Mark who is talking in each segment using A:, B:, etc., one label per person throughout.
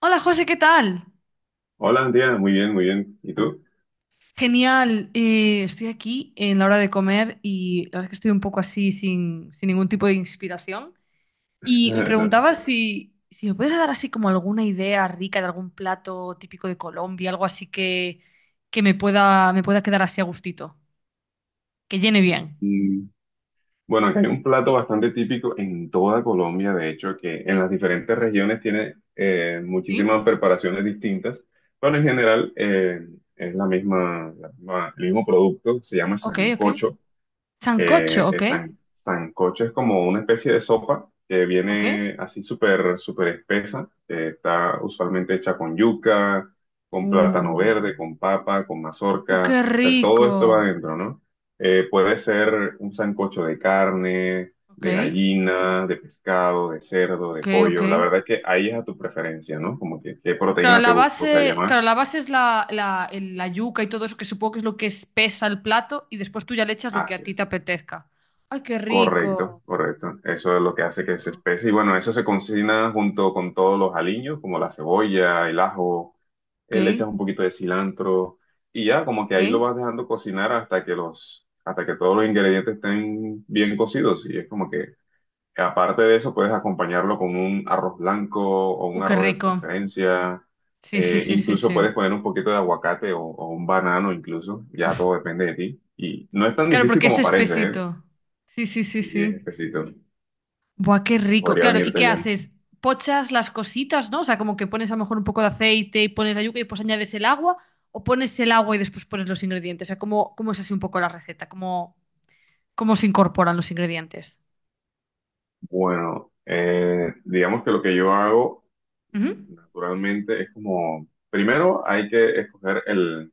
A: Hola José, ¿qué tal?
B: Hola, Andrea, muy bien, muy bien. ¿Y tú?
A: Genial, estoy aquí en la hora de comer y la verdad es que estoy un poco así sin ningún tipo de inspiración. Y me preguntaba si me puedes dar así como alguna idea rica de algún plato típico de Colombia, algo así que me pueda quedar así a gustito, que llene bien.
B: Mm, bueno, acá hay un plato bastante típico en toda Colombia, de hecho, que en las diferentes regiones tiene muchísimas
A: ¿Sí?
B: preparaciones distintas, pero en general es el mismo producto, se llama
A: Ok, ok.
B: sancocho.
A: Sancocho,
B: El
A: ok,
B: sancocho es como una especie de sopa que
A: ok.
B: viene así súper, súper espesa. Está usualmente hecha con yuca, con plátano
A: Uh,
B: verde, con papa, con
A: qué
B: mazorca. O sea, todo esto va
A: rico.
B: adentro, ¿no? Puede ser un sancocho de carne,
A: Ok,
B: de gallina, de pescado, de cerdo, de
A: ok, ok.
B: pollo. La verdad es que ahí es a tu preferencia, ¿no? Como que qué proteína te gustaría
A: Claro,
B: más,
A: la base es la yuca y todo eso, que supongo que es lo que espesa el plato, y después tú ya le echas lo que a ti te
B: haces.
A: apetezca. ¡Ay, qué
B: Correcto,
A: rico!
B: correcto. Eso es lo que hace
A: Qué
B: que se
A: rico.
B: espese. Y bueno, eso se cocina junto con todos los aliños, como la cebolla, el ajo,
A: Ok,
B: le echas un poquito de cilantro y ya, como que
A: ok.
B: ahí lo vas dejando cocinar hasta que todos los ingredientes estén bien cocidos. Y es como que, aparte de eso, puedes acompañarlo con un arroz blanco o un
A: ¡Uh, qué
B: arroz de tu
A: rico!
B: preferencia.
A: Sí, sí, sí, sí,
B: Incluso
A: sí.
B: puedes poner un poquito de aguacate o un banano, incluso. Ya
A: Uf.
B: todo depende de ti. Y no es tan
A: Claro,
B: difícil
A: porque es
B: como parece, ¿eh?
A: espesito. Sí, sí, sí,
B: Y es
A: sí.
B: exquisito.
A: Buah, qué rico.
B: Podría
A: Claro, ¿y
B: venirte
A: qué
B: bien.
A: haces? Pochas las cositas, ¿no? O sea, como que pones a lo mejor un poco de aceite y pones la yuca y pues añades el agua, o pones el agua y después pones los ingredientes. O sea, cómo es así un poco la receta? Cómo se incorporan los ingredientes?
B: Bueno, digamos que lo que yo hago
A: Ujú.
B: naturalmente es como, primero hay que escoger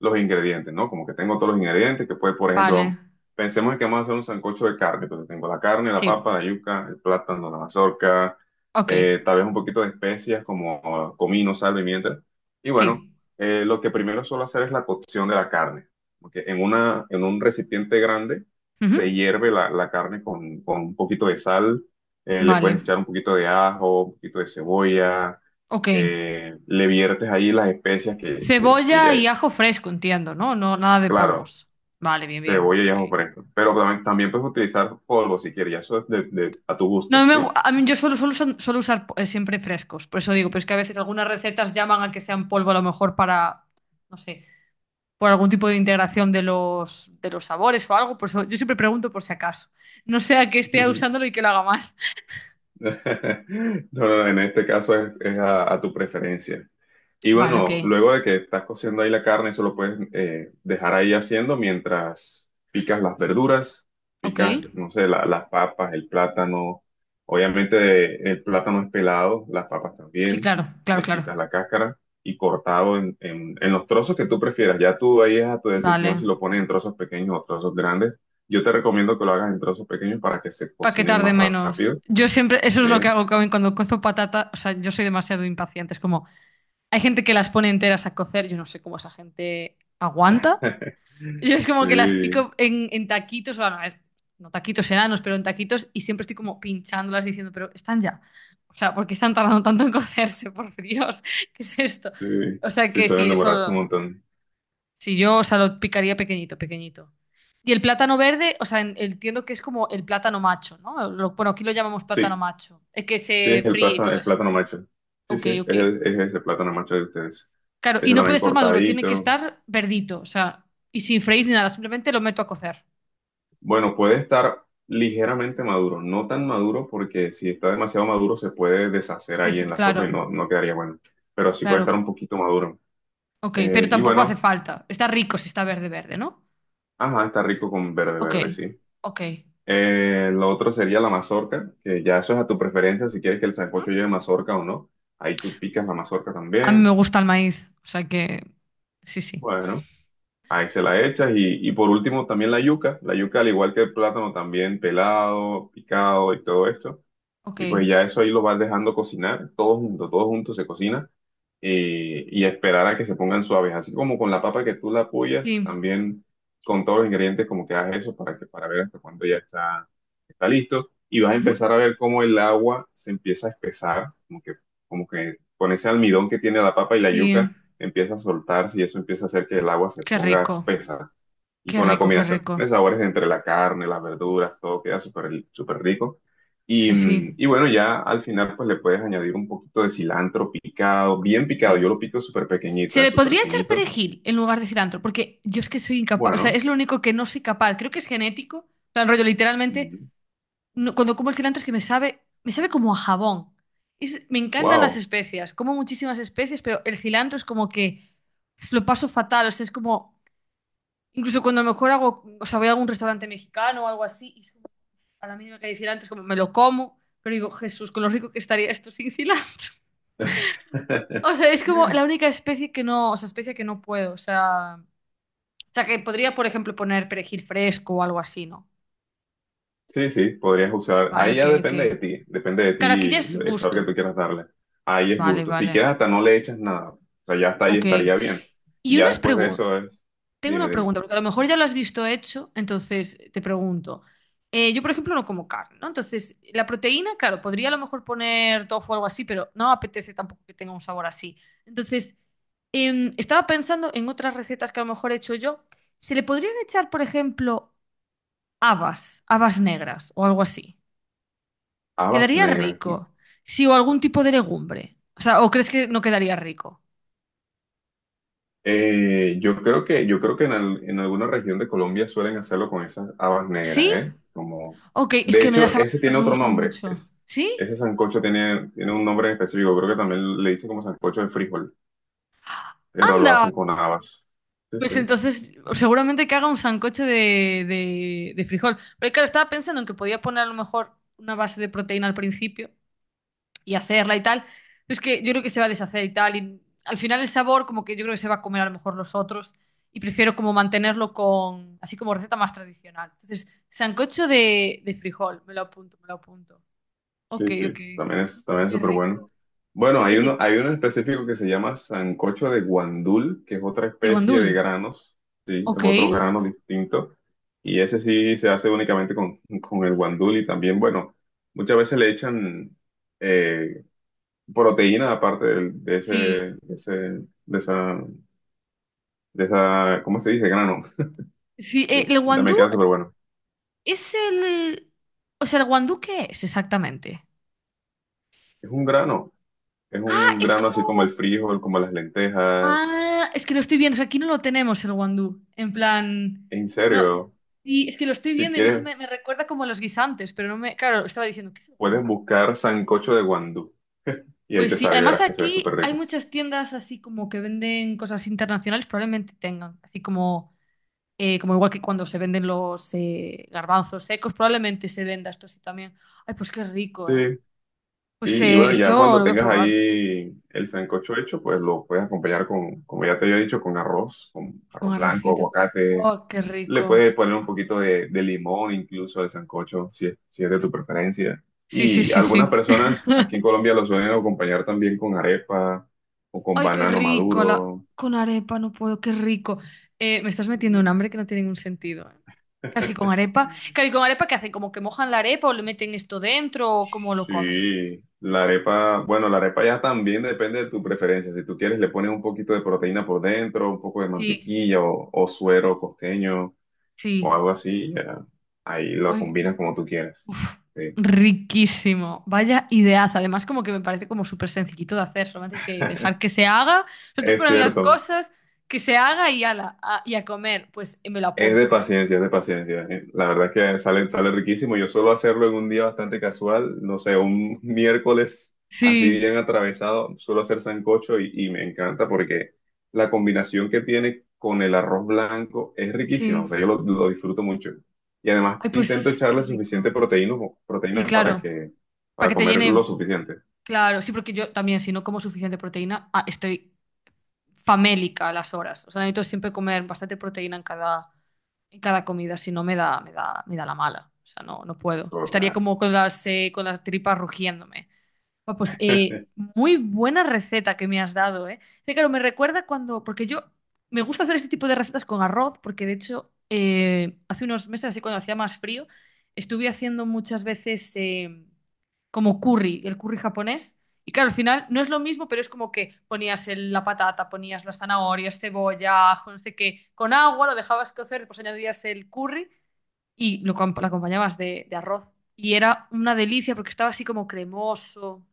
B: los ingredientes, ¿no? Como que tengo todos los ingredientes, que puede, por
A: Vale,
B: ejemplo, pensemos en que vamos a hacer un sancocho de carne, entonces tengo la carne, la
A: sí,
B: papa, la yuca, el plátano, la mazorca,
A: ok,
B: tal vez un poquito de especias como comino, sal, pimienta. Y bueno,
A: sí.
B: lo que primero suelo hacer es la cocción de la carne, porque en un recipiente grande se
A: Ujú.
B: hierve la carne con un poquito de sal, le
A: Vale,
B: puedes echar un poquito de ajo, un poquito de cebolla,
A: ok.
B: le viertes ahí las especias
A: Cebolla y
B: que...
A: ajo fresco, entiendo, ¿no? No, nada de
B: Claro,
A: polvos. Vale, bien, bien,
B: cebolla y
A: ok.
B: ajo fresco. Pero también, también puedes utilizar polvo si quieres, ya eso es a tu gusto,
A: No, me gu-
B: ¿sí?
A: a mí yo solo suelo usar siempre frescos, por eso digo, pero es que a veces algunas recetas llaman a que sean polvo a lo mejor para, no sé, por algún tipo de integración de de los sabores o algo, por eso yo siempre pregunto por si acaso. No sea que esté usándolo y que lo haga mal.
B: No, no, en este caso es a tu preferencia. Y
A: Vale, ok,
B: bueno, luego de que estás cociendo ahí la carne, eso lo puedes dejar ahí haciendo mientras picas las verduras,
A: ok.
B: picas, no sé, las papas, el plátano. Obviamente el plátano es pelado, las papas
A: Sí,
B: también.
A: claro, claro,
B: Le
A: claro.
B: quitas la cáscara y cortado en los trozos que tú prefieras. Ya tú ahí es a tu decisión
A: Vale.
B: si lo pones en trozos pequeños o trozos grandes. Yo te recomiendo que lo hagas en trozos pequeños para que se
A: Para que
B: cocinen
A: tarde
B: más
A: menos.
B: rápido.
A: Yo siempre, eso es
B: Sí,
A: lo que hago Carmen, cuando cozo patata. O sea, yo soy demasiado impaciente. Es como, hay gente que las pone enteras a cocer. Yo no sé cómo esa gente aguanta. Yo es como que las
B: sí,
A: pico en taquitos. Bueno, a ver, no taquitos enanos, pero en taquitos. Y siempre estoy como pinchándolas diciendo, pero están ya. O sea, ¿por qué están tardando tanto en cocerse? Por Dios, ¿qué es esto?
B: sí.
A: O sea,
B: Sí,
A: que sí,
B: suelen demorarse un
A: eso.
B: montón.
A: Si yo, o sea, lo picaría pequeñito, pequeñito. Y el plátano verde, o sea, en- entiendo que es como el plátano macho, ¿no? Lo- bueno, aquí lo llamamos plátano
B: Sí.
A: macho, el que
B: Sí,
A: se
B: es
A: fríe y todo
B: el
A: eso.
B: plátano macho. Sí,
A: Ok,
B: sí, es,
A: ok.
B: es ese plátano macho de ustedes.
A: Claro, y
B: Ese
A: no puede
B: también
A: estar maduro, tiene que
B: cortadito.
A: estar verdito, o sea, y sin freír ni nada, simplemente lo meto a cocer.
B: Bueno, puede estar ligeramente maduro, no tan maduro porque si está demasiado maduro se puede deshacer ahí
A: Des-
B: en la sopa
A: claro,
B: y no, no quedaría bueno. Pero sí puede estar
A: claro.
B: un poquito maduro.
A: Ok, pero
B: Y
A: tampoco hace
B: bueno,
A: falta. Está rico si está verde, verde, ¿no?
B: ajá, está rico con verde
A: Ok,
B: verde, sí.
A: ok.
B: Lo otro sería la mazorca, que ya eso es a tu preferencia, si quieres que el
A: Ujú.
B: sancocho lleve mazorca o no. Ahí tú picas la mazorca
A: A mí me
B: también.
A: gusta el maíz, o sea que sí, sí.
B: Bueno. Ahí se la echas y por último también la yuca al igual que el plátano también pelado, picado y todo esto
A: Ok,
B: y pues ya eso ahí lo vas dejando cocinar, todo junto se cocina y esperar a que se pongan suaves, así como con la papa que tú la apoyas,
A: sí.
B: también con todos los ingredientes como que hagas eso para que para ver hasta cuándo ya está, está listo y vas a
A: Ujú.
B: empezar a ver cómo el agua se empieza a espesar, como que con ese almidón que tiene la papa y la
A: Sí.
B: yuca empieza a soltarse y eso empieza a hacer que el agua se
A: Qué
B: ponga
A: rico,
B: espesa. Y
A: qué
B: con la
A: rico, qué
B: combinación
A: rico.
B: de sabores entre la carne, las verduras, todo queda súper súper rico. Y,
A: Sí, sí,
B: y bueno, ya al final pues le puedes añadir un poquito de cilantro picado, bien picado. Yo
A: sí.
B: lo pico súper pequeñito,
A: Se le
B: súper
A: podría echar
B: finito.
A: perejil en lugar de cilantro, porque yo es que soy incapaz, o sea,
B: Bueno,
A: es lo único que no soy capaz. Creo que es genético, en plan, rollo, literalmente, no- cuando como el cilantro es que me sabe como a jabón. Es- me encantan las
B: wow.
A: especias, como muchísimas especias, pero el cilantro es como que uf, lo paso fatal, o sea, es como, incluso cuando a lo mejor hago, o sea, voy a algún restaurante mexicano o algo así, y es como, a la mínima que hay cilantro, es como, me lo como, pero digo, Jesús, con lo rico que estaría esto sin cilantro. O sea, es como la única especie que no, o sea, especie que no puedo. O sea, que podría, por ejemplo, poner perejil fresco o algo así, ¿no?
B: Sí, sí, podrías usar.
A: Vale,
B: Ahí
A: ok,
B: ya
A: ok.
B: depende de
A: Claro, aquí ya
B: ti
A: es
B: el sabor que tú
A: gusto.
B: quieras darle. Ahí es
A: Vale,
B: gusto. Si
A: vale.
B: quieres hasta no le echas nada. O sea, ya hasta ahí
A: Ok.
B: estaría bien. Y
A: Y
B: ya
A: unas
B: después de
A: preguntas.
B: eso es,
A: Tengo
B: dime,
A: una
B: dime.
A: pregunta, porque a lo mejor ya lo has visto hecho, entonces te pregunto. Yo, por ejemplo, no como carne, ¿no? Entonces, la proteína, claro, podría a lo mejor poner tofu o algo así, pero no apetece tampoco que tenga un sabor así. Entonces, estaba pensando en otras recetas que a lo mejor he hecho yo. ¿Se le podrían echar, por ejemplo, habas, habas negras o algo así?
B: Habas
A: ¿Quedaría
B: negras.
A: rico? Sí, o algún tipo de legumbre. O sea, ¿o crees que no quedaría rico?
B: Yo creo que, yo creo que en alguna región de Colombia suelen hacerlo con esas habas negras,
A: ¿Sí?
B: ¿eh? Como,
A: Ok, es
B: de
A: que me
B: hecho,
A: las habas
B: ese tiene
A: negras me
B: otro
A: gustan
B: nombre.
A: mucho. ¿Sí?
B: Ese sancocho tiene, tiene un nombre en específico. Creo que también le dicen como sancocho de frijol, pero lo
A: ¡Anda!
B: hacen con habas. Sí,
A: Pues
B: sí.
A: entonces, seguramente que haga un sancocho de frijol. Pero claro, estaba pensando en que podía poner a lo mejor una base de proteína al principio y hacerla y tal. Pero es que yo creo que se va a deshacer y tal. Y al final el sabor, como que yo creo que se va a comer a lo mejor los otros. Y prefiero como mantenerlo con, así como receta más tradicional. Entonces, sancocho de frijol, me lo apunto, me lo apunto. Ok,
B: Sí,
A: ok,
B: sí, también es
A: qué
B: súper bueno.
A: rico.
B: Bueno,
A: Ese-
B: hay uno en específico que se llama sancocho de guandul, que es otra
A: ¿De
B: especie de
A: guandul?
B: granos, sí, es
A: Ok,
B: otro grano distinto. Y ese sí se hace únicamente con el guandul y también, bueno, muchas veces le echan eh, proteína de, ese,
A: sí.
B: de ese, de esa, de esa, ¿cómo se dice? Grano.
A: Sí, el guandú.
B: También queda súper bueno.
A: Es el... O sea, ¿el guandú qué es exactamente?
B: Es un grano, es
A: Ah,
B: un
A: es
B: grano así como
A: como...
B: el frijol, como las lentejas.
A: Ah, es que lo estoy viendo. O sea, aquí no lo tenemos el guandú. En plan...
B: En
A: No...
B: serio,
A: Y es que lo estoy
B: si
A: viendo y a mí se
B: quieres
A: me, me recuerda como a los guisantes, pero no me... Claro, estaba diciendo, ¿qué es el
B: puedes
A: guandú?
B: buscar sancocho de guandú y ahí
A: Pues
B: te
A: sí,
B: sale y
A: además
B: verás que se ve súper
A: aquí hay
B: rico.
A: muchas tiendas así como que venden cosas internacionales, probablemente tengan, así como, como igual que cuando se venden los garbanzos secos, probablemente se venda esto así también. Ay, pues qué rico, ¿eh?
B: Sí, sí,
A: Pues
B: y bueno, ya
A: esto
B: cuando
A: lo voy a
B: tengas
A: probar.
B: ahí el sancocho hecho, pues lo puedes acompañar con, como ya te había dicho, con
A: Con
B: arroz blanco,
A: arrocito.
B: aguacate.
A: Oh, qué
B: Le
A: rico.
B: puedes poner un poquito de limón incluso al sancocho, si es, si es de tu preferencia.
A: Sí, sí,
B: Y
A: sí,
B: algunas
A: sí.
B: personas aquí en Colombia lo suelen acompañar también con arepa o con
A: Ay, qué
B: banano
A: rico. La...
B: maduro.
A: Con arepa no puedo, qué rico. Me estás metiendo un
B: eh,
A: hambre que no tiene ningún sentido. ¿Eh? Casi con arepa. Claro, ¿y con arepa qué hacen? ¿Como que mojan la arepa o le meten esto dentro o cómo lo comen?
B: Sí, la arepa, bueno, la arepa ya también depende de tu preferencia. Si tú quieres, le pones un poquito de proteína por dentro, un poco de
A: Sí,
B: mantequilla o suero costeño o
A: sí.
B: algo así. Ya. Ahí lo
A: Ay,
B: combinas como tú quieras.
A: uf,
B: Sí,
A: riquísimo. Vaya ideaza. Además, como que me parece como súper sencillito de hacer. Solamente hay que dejar que se haga. Solo tú
B: es
A: pones las
B: cierto.
A: cosas, que se haga y ala, a- y a comer. Pues me lo
B: Es de
A: apunto, ¿eh?
B: paciencia, es de paciencia. La verdad es que sale, sale riquísimo. Yo suelo hacerlo en un día bastante casual, no sé, un miércoles así
A: Sí.
B: bien atravesado, suelo hacer sancocho y me encanta porque la combinación que tiene con el arroz blanco es
A: Sí.
B: riquísima. O sea, yo lo disfruto mucho. Y además
A: Ay,
B: intento
A: pues qué
B: echarle suficiente
A: rico.
B: proteína,
A: Sí,
B: proteína para
A: claro.
B: que,
A: Para
B: para
A: que te
B: comer lo
A: llene.
B: suficiente.
A: Claro, sí, porque yo también, si no como suficiente proteína, ah, estoy famélica a las horas. O sea, necesito siempre comer bastante proteína en cada comida, si no me da la mala. O sea, no puedo.
B: O
A: Estaría
B: sea,
A: como con las tripas rugiéndome. Ah, pues muy buena receta que me has dado, ¿eh? Sí, claro, me recuerda cuando, porque yo me gusta hacer este tipo de recetas con arroz, porque de hecho hace unos meses, así cuando hacía más frío, estuve haciendo muchas veces como curry, el curry japonés. Y claro, al final no es lo mismo, pero es como que ponías el- la patata, ponías las zanahorias, cebolla, ajo, no sé qué, con agua, lo dejabas cocer, después añadías el curry y lo, com- lo acompañabas de arroz. Y era una delicia porque estaba así como cremoso.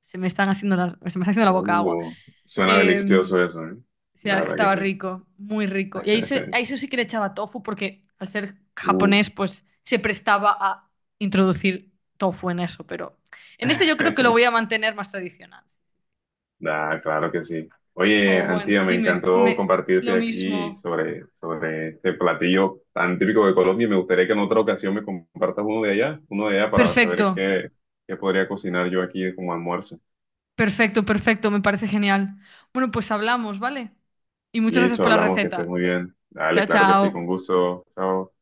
A: Se me están haciendo las- se me está haciendo la boca agua.
B: uh, suena
A: Em,
B: delicioso eso, ¿eh?
A: sí, la verdad
B: La
A: es que
B: verdad
A: estaba
B: que sí.
A: rico, muy rico. Y a eso sí que le echaba tofu porque al ser
B: Uh.
A: japonés, pues se prestaba a introducir tofu en eso, pero en este yo creo que lo voy a mantener más tradicional.
B: Ah, claro que sí. Oye,
A: Oh, bueno,
B: Antía, me
A: dime,
B: encantó
A: me, lo
B: compartirte aquí
A: mismo.
B: sobre, sobre este platillo tan típico de Colombia y me gustaría que en otra ocasión me compartas uno de allá para
A: Perfecto,
B: saber qué, qué podría cocinar yo aquí como almuerzo.
A: perfecto, perfecto, me parece genial. Bueno, pues hablamos, ¿vale? Y muchas gracias
B: Listo,
A: por la
B: hablamos, que estés
A: receta.
B: muy bien. Dale,
A: Chao,
B: claro que sí, con
A: chao.
B: gusto. Chao.